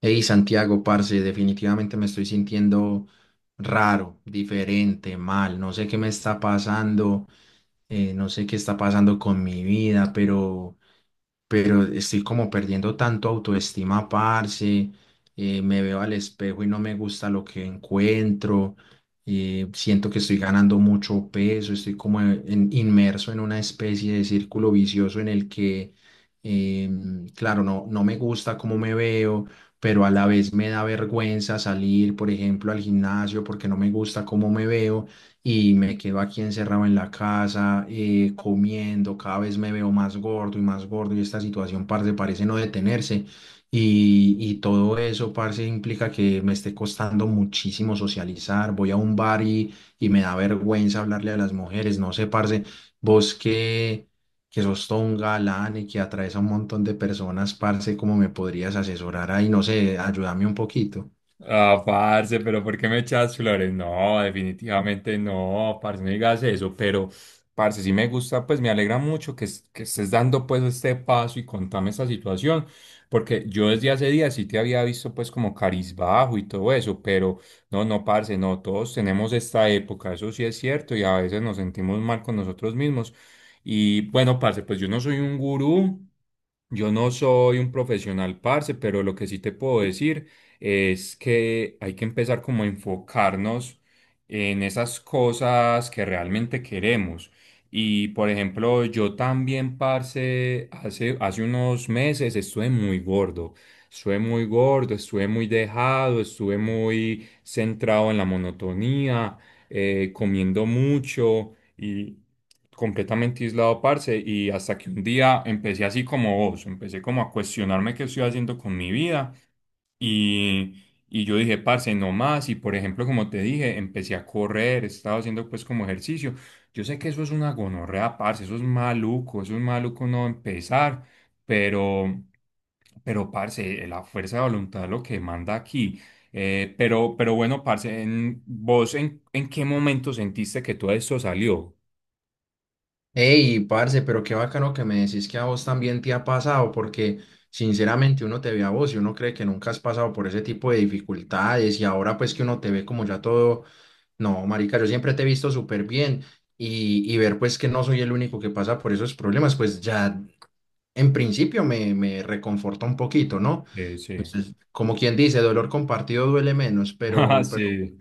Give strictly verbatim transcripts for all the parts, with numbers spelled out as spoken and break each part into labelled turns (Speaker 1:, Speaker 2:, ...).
Speaker 1: Hey Santiago, parce, definitivamente me estoy sintiendo raro, diferente, mal, no sé qué me está pasando, eh, no sé qué está pasando con mi vida, pero pero estoy como perdiendo tanto autoestima, parce, eh, me veo al espejo y no me gusta lo que encuentro, eh, siento que estoy ganando mucho peso, estoy como en- inmerso en una especie de círculo vicioso en el que, em, claro, no, no me gusta cómo me veo, pero a la vez me da vergüenza salir, por ejemplo, al gimnasio porque no me gusta cómo me veo y me quedo aquí encerrado en la casa, eh, comiendo, cada vez me veo más gordo y más gordo y esta situación, parce, parece no detenerse. Y, y todo eso, parce, implica que me esté costando muchísimo socializar. Voy a un bar y, y me da vergüenza hablarle a las mujeres. No sé, parce, vos que, que sos todo un galán y que atraes a un montón de personas, parce, ¿cómo me podrías asesorar ahí? No sé, ayúdame un poquito.
Speaker 2: Ah, parce, pero ¿por qué me echas flores? No, definitivamente no, parce, no digas eso, pero parce, sí me gusta, pues me alegra mucho que, es- que estés dando pues este paso y contame esta situación, porque yo desde hace días sí te había visto pues como bajo y todo eso, pero no, no, parce, no, todos tenemos esta época, eso sí es cierto, y a veces nos sentimos mal con nosotros mismos. Y bueno, parce, pues yo no soy un gurú. Yo no soy un profesional, parce, pero lo que sí te puedo decir es que hay que empezar como a enfocarnos en esas cosas que realmente queremos. Y por ejemplo, yo también, parce, hace, hace unos meses estuve muy gordo. Estuve muy gordo, estuve muy dejado, estuve muy centrado en la monotonía, eh, comiendo mucho completamente aislado, parce, y hasta que un día empecé así como vos, empecé como a cuestionarme qué estoy haciendo con mi vida y, y yo dije, parce, no más, y por ejemplo, como te dije, empecé a correr, estaba haciendo pues como ejercicio. Yo sé que eso es una gonorrea, parce, eso es maluco, eso es maluco no empezar, pero, pero, parce, la fuerza de voluntad es lo que manda aquí. Eh, pero, pero bueno, parce, en, ¿vos en, en qué momento sentiste que todo esto salió?
Speaker 1: Ey, parce, pero qué bacano que me decís que a vos también te ha pasado, porque sinceramente uno te ve a vos y uno cree que nunca has pasado por ese tipo de dificultades y ahora pues que uno te ve como ya todo, no, marica, yo siempre te he visto súper bien y, y ver pues que no soy el único que pasa por esos problemas, pues ya en principio me, me reconforta un poquito, ¿no?
Speaker 2: Sí, sí.
Speaker 1: Entonces, como quien dice, dolor compartido duele menos,
Speaker 2: Ah,
Speaker 1: pero, pero
Speaker 2: sí.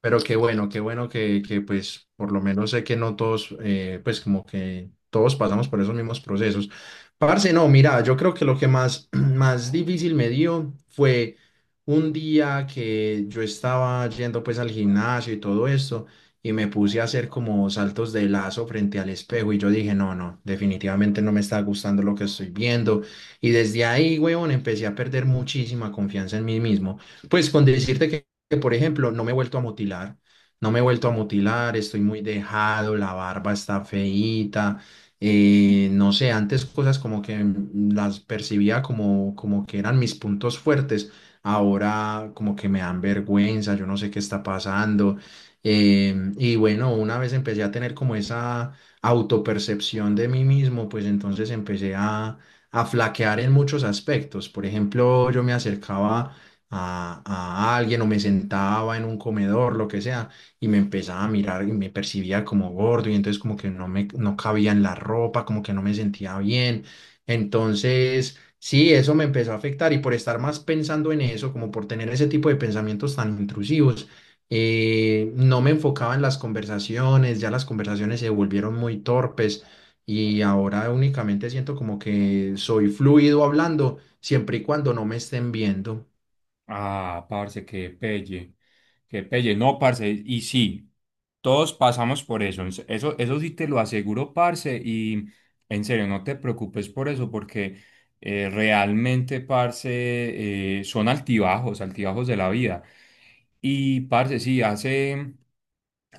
Speaker 1: pero qué bueno, qué bueno que, que pues por lo menos sé que no todos, eh, pues como que todos pasamos por esos mismos procesos. Parce, no, mira, yo creo que lo que más, más difícil me dio fue un día que yo estaba yendo pues al gimnasio y todo esto y me puse a hacer como saltos de lazo frente al espejo y yo dije, no, no, definitivamente no me está gustando lo que estoy viendo. Y desde ahí, weón, empecé a perder muchísima confianza en mí mismo. Pues con decirte que que, por ejemplo, no me he vuelto a mutilar, no me he vuelto a mutilar, estoy muy dejado, la barba está feíta, eh, no sé, antes cosas como que mm, las percibía como, como que eran mis puntos fuertes, ahora como que me dan vergüenza, yo no sé qué está pasando. Em, y bueno, una vez empecé a tener como esa autopercepción de mí mismo, pues entonces empecé a, a flaquear en muchos aspectos. Por ejemplo, yo me acercaba a, a alguien o me sentaba en un comedor, lo que sea, y me empezaba a mirar y me percibía como gordo y entonces como que no me no cabía en la ropa, como que no me sentía bien. Entonces, sí, eso me empezó a afectar y por estar más pensando en eso, como por tener ese tipo de pensamientos tan intrusivos, eh, no me enfocaba en las conversaciones, ya las conversaciones se volvieron muy torpes. Y ahora únicamente siento como que soy fluido hablando siempre y cuando no me estén viendo.
Speaker 2: Ah, parce, qué pelle. Qué pelle. No, parce, y sí, todos pasamos por eso. Ens- Eso, eso sí te lo aseguro, parce, y en serio, no te preocupes por eso, porque eh, realmente, parce, eh, son altibajos, altibajos de la vida. Y, parce, sí, hace,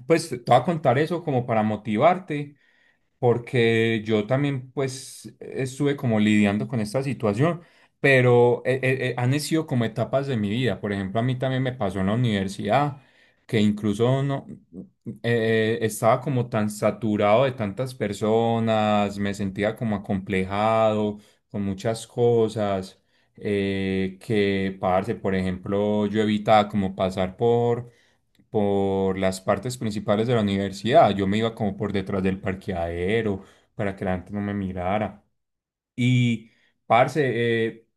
Speaker 2: pues te voy a contar eso como para motivarte porque yo también pues estuve como lidiando con esta situación, pero eh, eh, eh, han sido como etapas de mi vida. Por ejemplo, a mí también me pasó en la universidad, que incluso no, eh, estaba como tan saturado de tantas personas, me sentía como acomplejado con muchas cosas, eh, que, parce, por ejemplo, yo evitaba como pasar por por las partes principales de la universidad. Yo me iba como por detrás del parqueadero para que la gente no me mirara. Y, parce, eh,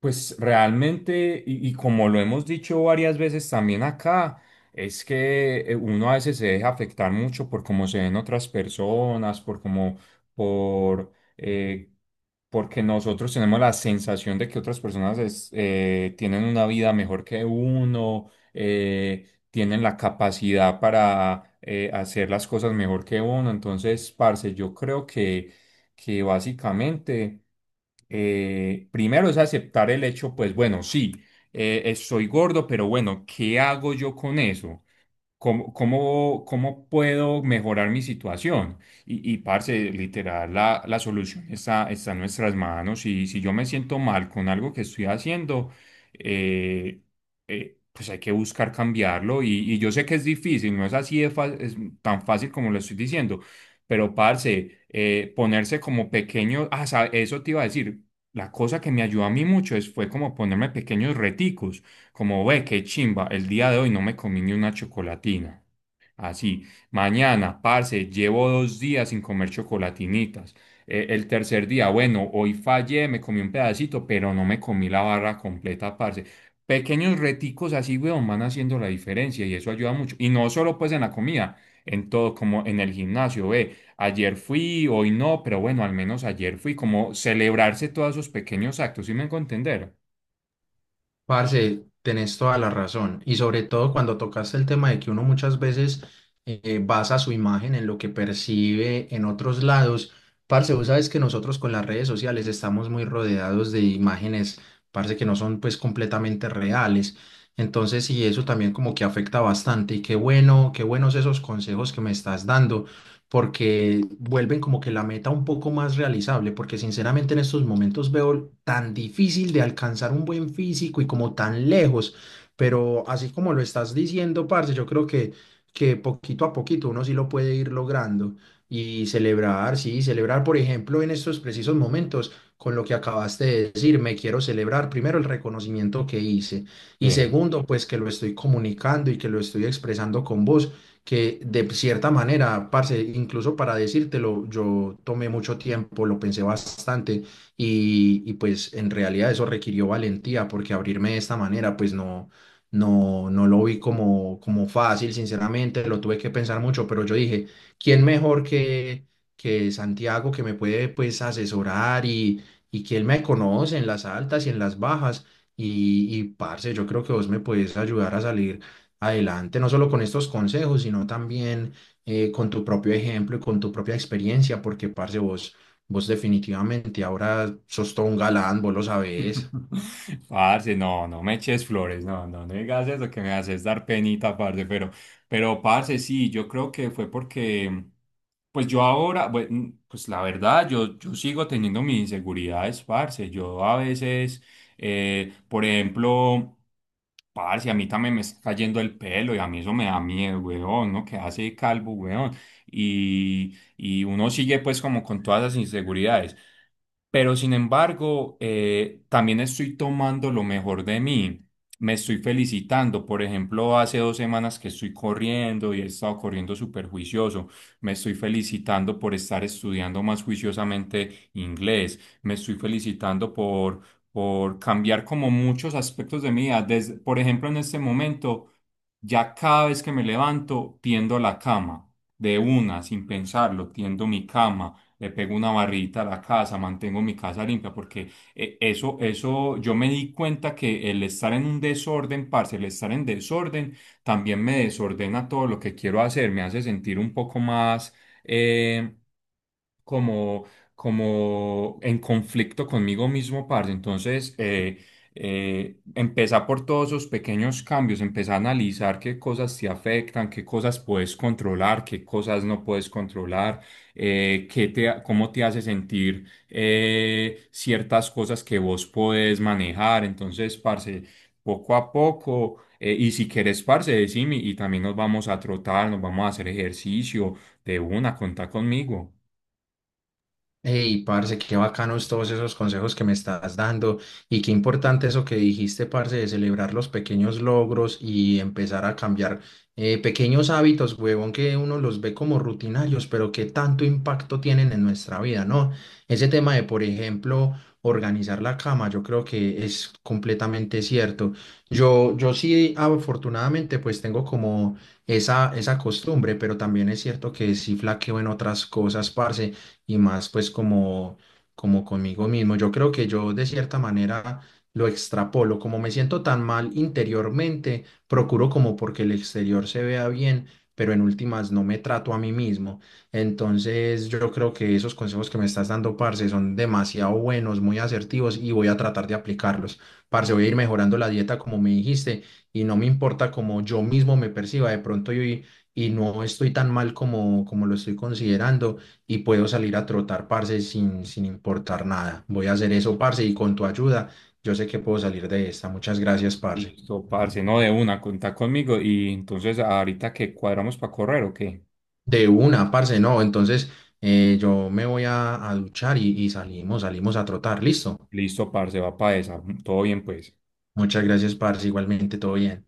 Speaker 2: pues realmente, y, y como lo hemos dicho varias veces también acá, es que eh, uno a veces se deja afectar mucho por cómo se ven otras personas, por cómo, por, eh, porque nosotros tenemos la sensación de que otras personas es- eh, tienen una vida mejor que uno, eh, tienen la capacidad para eh, hacer las cosas mejor que uno. Entonces, parce, yo creo que, que básicamente eh, primero es aceptar el hecho, pues bueno, sí, eh, eh, soy gordo, pero bueno, ¿qué hago yo con eso? ¿Cómo, cómo, cómo puedo mejorar mi situación? Y, y parce, literal, la, la solución está, está en nuestras manos. Y si yo me siento mal con algo que estoy haciendo, eh, eh, pues hay que buscar cambiarlo. Y, y yo sé que es difícil, no es así de fa- es tan fácil como lo estoy diciendo, pero parce, eh, ponerse como pequeño, ah, sa- eso te iba a decir, la cosa que me ayudó a mí mucho es, fue como ponerme pequeños reticos como ve, qué chimba, el día de hoy no me comí ni una chocolatina. Así, mañana, parce, llevo dos días sin comer chocolatinitas. Eh, el tercer día, bueno, hoy fallé, me comí un pedacito, pero no me comí la barra completa, parce. Pequeños reticos así, weón, van haciendo la diferencia y eso ayuda mucho. Y no solo pues en la comida, en todo, como en el gimnasio, ve, ayer fui, hoy no, pero bueno, al menos ayer fui, como celebrarse todos esos pequeños actos, ¿sí me hago entender?
Speaker 1: Parce, tenés toda la razón. Y sobre todo cuando tocaste el tema de que uno muchas veces eh, basa su imagen en lo que percibe en otros lados. Parce, vos sabes que nosotros con las redes sociales estamos muy rodeados de imágenes, parce, que no son pues completamente reales. Entonces, y eso también como que afecta bastante. Y qué bueno, qué buenos esos consejos que me estás dando porque vuelven como que la meta un poco más realizable, porque sinceramente en estos momentos veo tan difícil de alcanzar un buen físico y como tan lejos, pero así como lo estás diciendo, parce, yo creo que, que poquito a poquito uno sí lo puede ir logrando y celebrar, sí, celebrar, por ejemplo, en estos precisos momentos, con lo que acabaste de decir, me quiero celebrar primero el reconocimiento que hice y
Speaker 2: Sí.
Speaker 1: segundo, pues que lo estoy comunicando y que lo estoy expresando con vos que de cierta manera, parce, incluso para decírtelo, yo tomé mucho tiempo, lo pensé bastante y, y pues en realidad eso requirió valentía porque abrirme de esta manera pues no, no, no lo vi como, como fácil, sinceramente, lo tuve que pensar mucho, pero yo dije, ¿quién mejor que, ¿que Santiago que me puede pues asesorar y, y que él me conoce en las altas y en las bajas? Y, y parce, yo creo que vos me puedes ayudar a salir adelante, no solo con estos consejos, sino también eh, con tu propio ejemplo y con tu propia experiencia, porque, parce, vos, vos definitivamente ahora sos todo un galán, vos lo sabés.
Speaker 2: Parce, no, no me eches flores, no, no, no digas eso que me haces dar penita, parce, pero, pero, parce, sí, yo creo que fue porque, pues yo ahora, bueno, pues la verdad, yo, yo sigo teniendo mis inseguridades, parce, yo a veces, eh, por ejemplo, parce, a mí también me está cayendo el pelo y a mí eso me da miedo, weón, ¿no? Que hace calvo, weón, y, y uno sigue pues como con todas las inseguridades. Pero sin embargo, eh, también estoy tomando lo mejor de mí. Me estoy felicitando. Por ejemplo, hace dos semanas que estoy corriendo y he estado corriendo súper juicioso. Me estoy felicitando por estar estudiando más juiciosamente inglés. Me estoy felicitando por, por cambiar como muchos aspectos de mi vida. Desde- por ejemplo, en este momento, ya cada vez que me levanto, tiendo la cama de una, sin pensarlo, tiendo mi cama, le pego una barrita a la casa, mantengo mi casa limpia, porque eh, eso, eso, yo me di cuenta que el estar en un desorden, parce, el estar en desorden, también me desordena todo lo que quiero hacer, me hace sentir un poco más... eh, como, como en conflicto conmigo mismo, parce. Entonces, eh, eh, empezá por todos esos pequeños cambios, empezá a analizar qué cosas te afectan, qué cosas puedes controlar, qué cosas no puedes controlar, eh, qué te, cómo te hace sentir eh, ciertas cosas que vos podés manejar. Entonces, parce, poco a poco. Eh, y si querés, parce, decime y también nos vamos a trotar, nos vamos a hacer ejercicio de una, contá conmigo.
Speaker 1: Hey, parce, qué bacanos todos esos consejos que me estás dando y qué importante eso que dijiste, parce, de celebrar los pequeños logros y empezar a cambiar eh, pequeños hábitos, huevón, que uno los ve como rutinarios, pero que tanto impacto tienen en nuestra vida, ¿no? Ese tema de, por ejemplo, organizar la cama, yo creo que es completamente cierto. Yo, yo sí, afortunadamente, pues tengo como esa, esa costumbre, pero también es cierto que sí flaqueo en otras cosas, parce y más pues como, como conmigo mismo. Yo creo que yo de cierta manera lo extrapolo, como me siento tan mal interiormente, procuro como porque el exterior se vea bien, pero en últimas no me trato a mí mismo. Entonces yo creo que esos consejos que me estás dando, parce, son demasiado buenos, muy asertivos y voy a tratar de aplicarlos. Parce, voy a ir mejorando la dieta como me dijiste y no me importa como yo mismo me perciba, de pronto yo y, y no estoy tan mal como, como lo estoy considerando y puedo salir a trotar, parce, sin, sin importar nada. Voy a hacer eso, parce, y con tu ayuda, yo sé que puedo salir de esta. Muchas gracias, parce.
Speaker 2: Listo, parce, no, de una, contá conmigo y entonces ahorita que cuadramos para correr o qué.
Speaker 1: De una, parce, no. Entonces, eh, yo me voy a, a duchar y, y salimos, salimos a trotar. Listo.
Speaker 2: Listo, parce, va para esa. Todo bien, pues.
Speaker 1: Muchas gracias, parce. Igualmente, todo bien.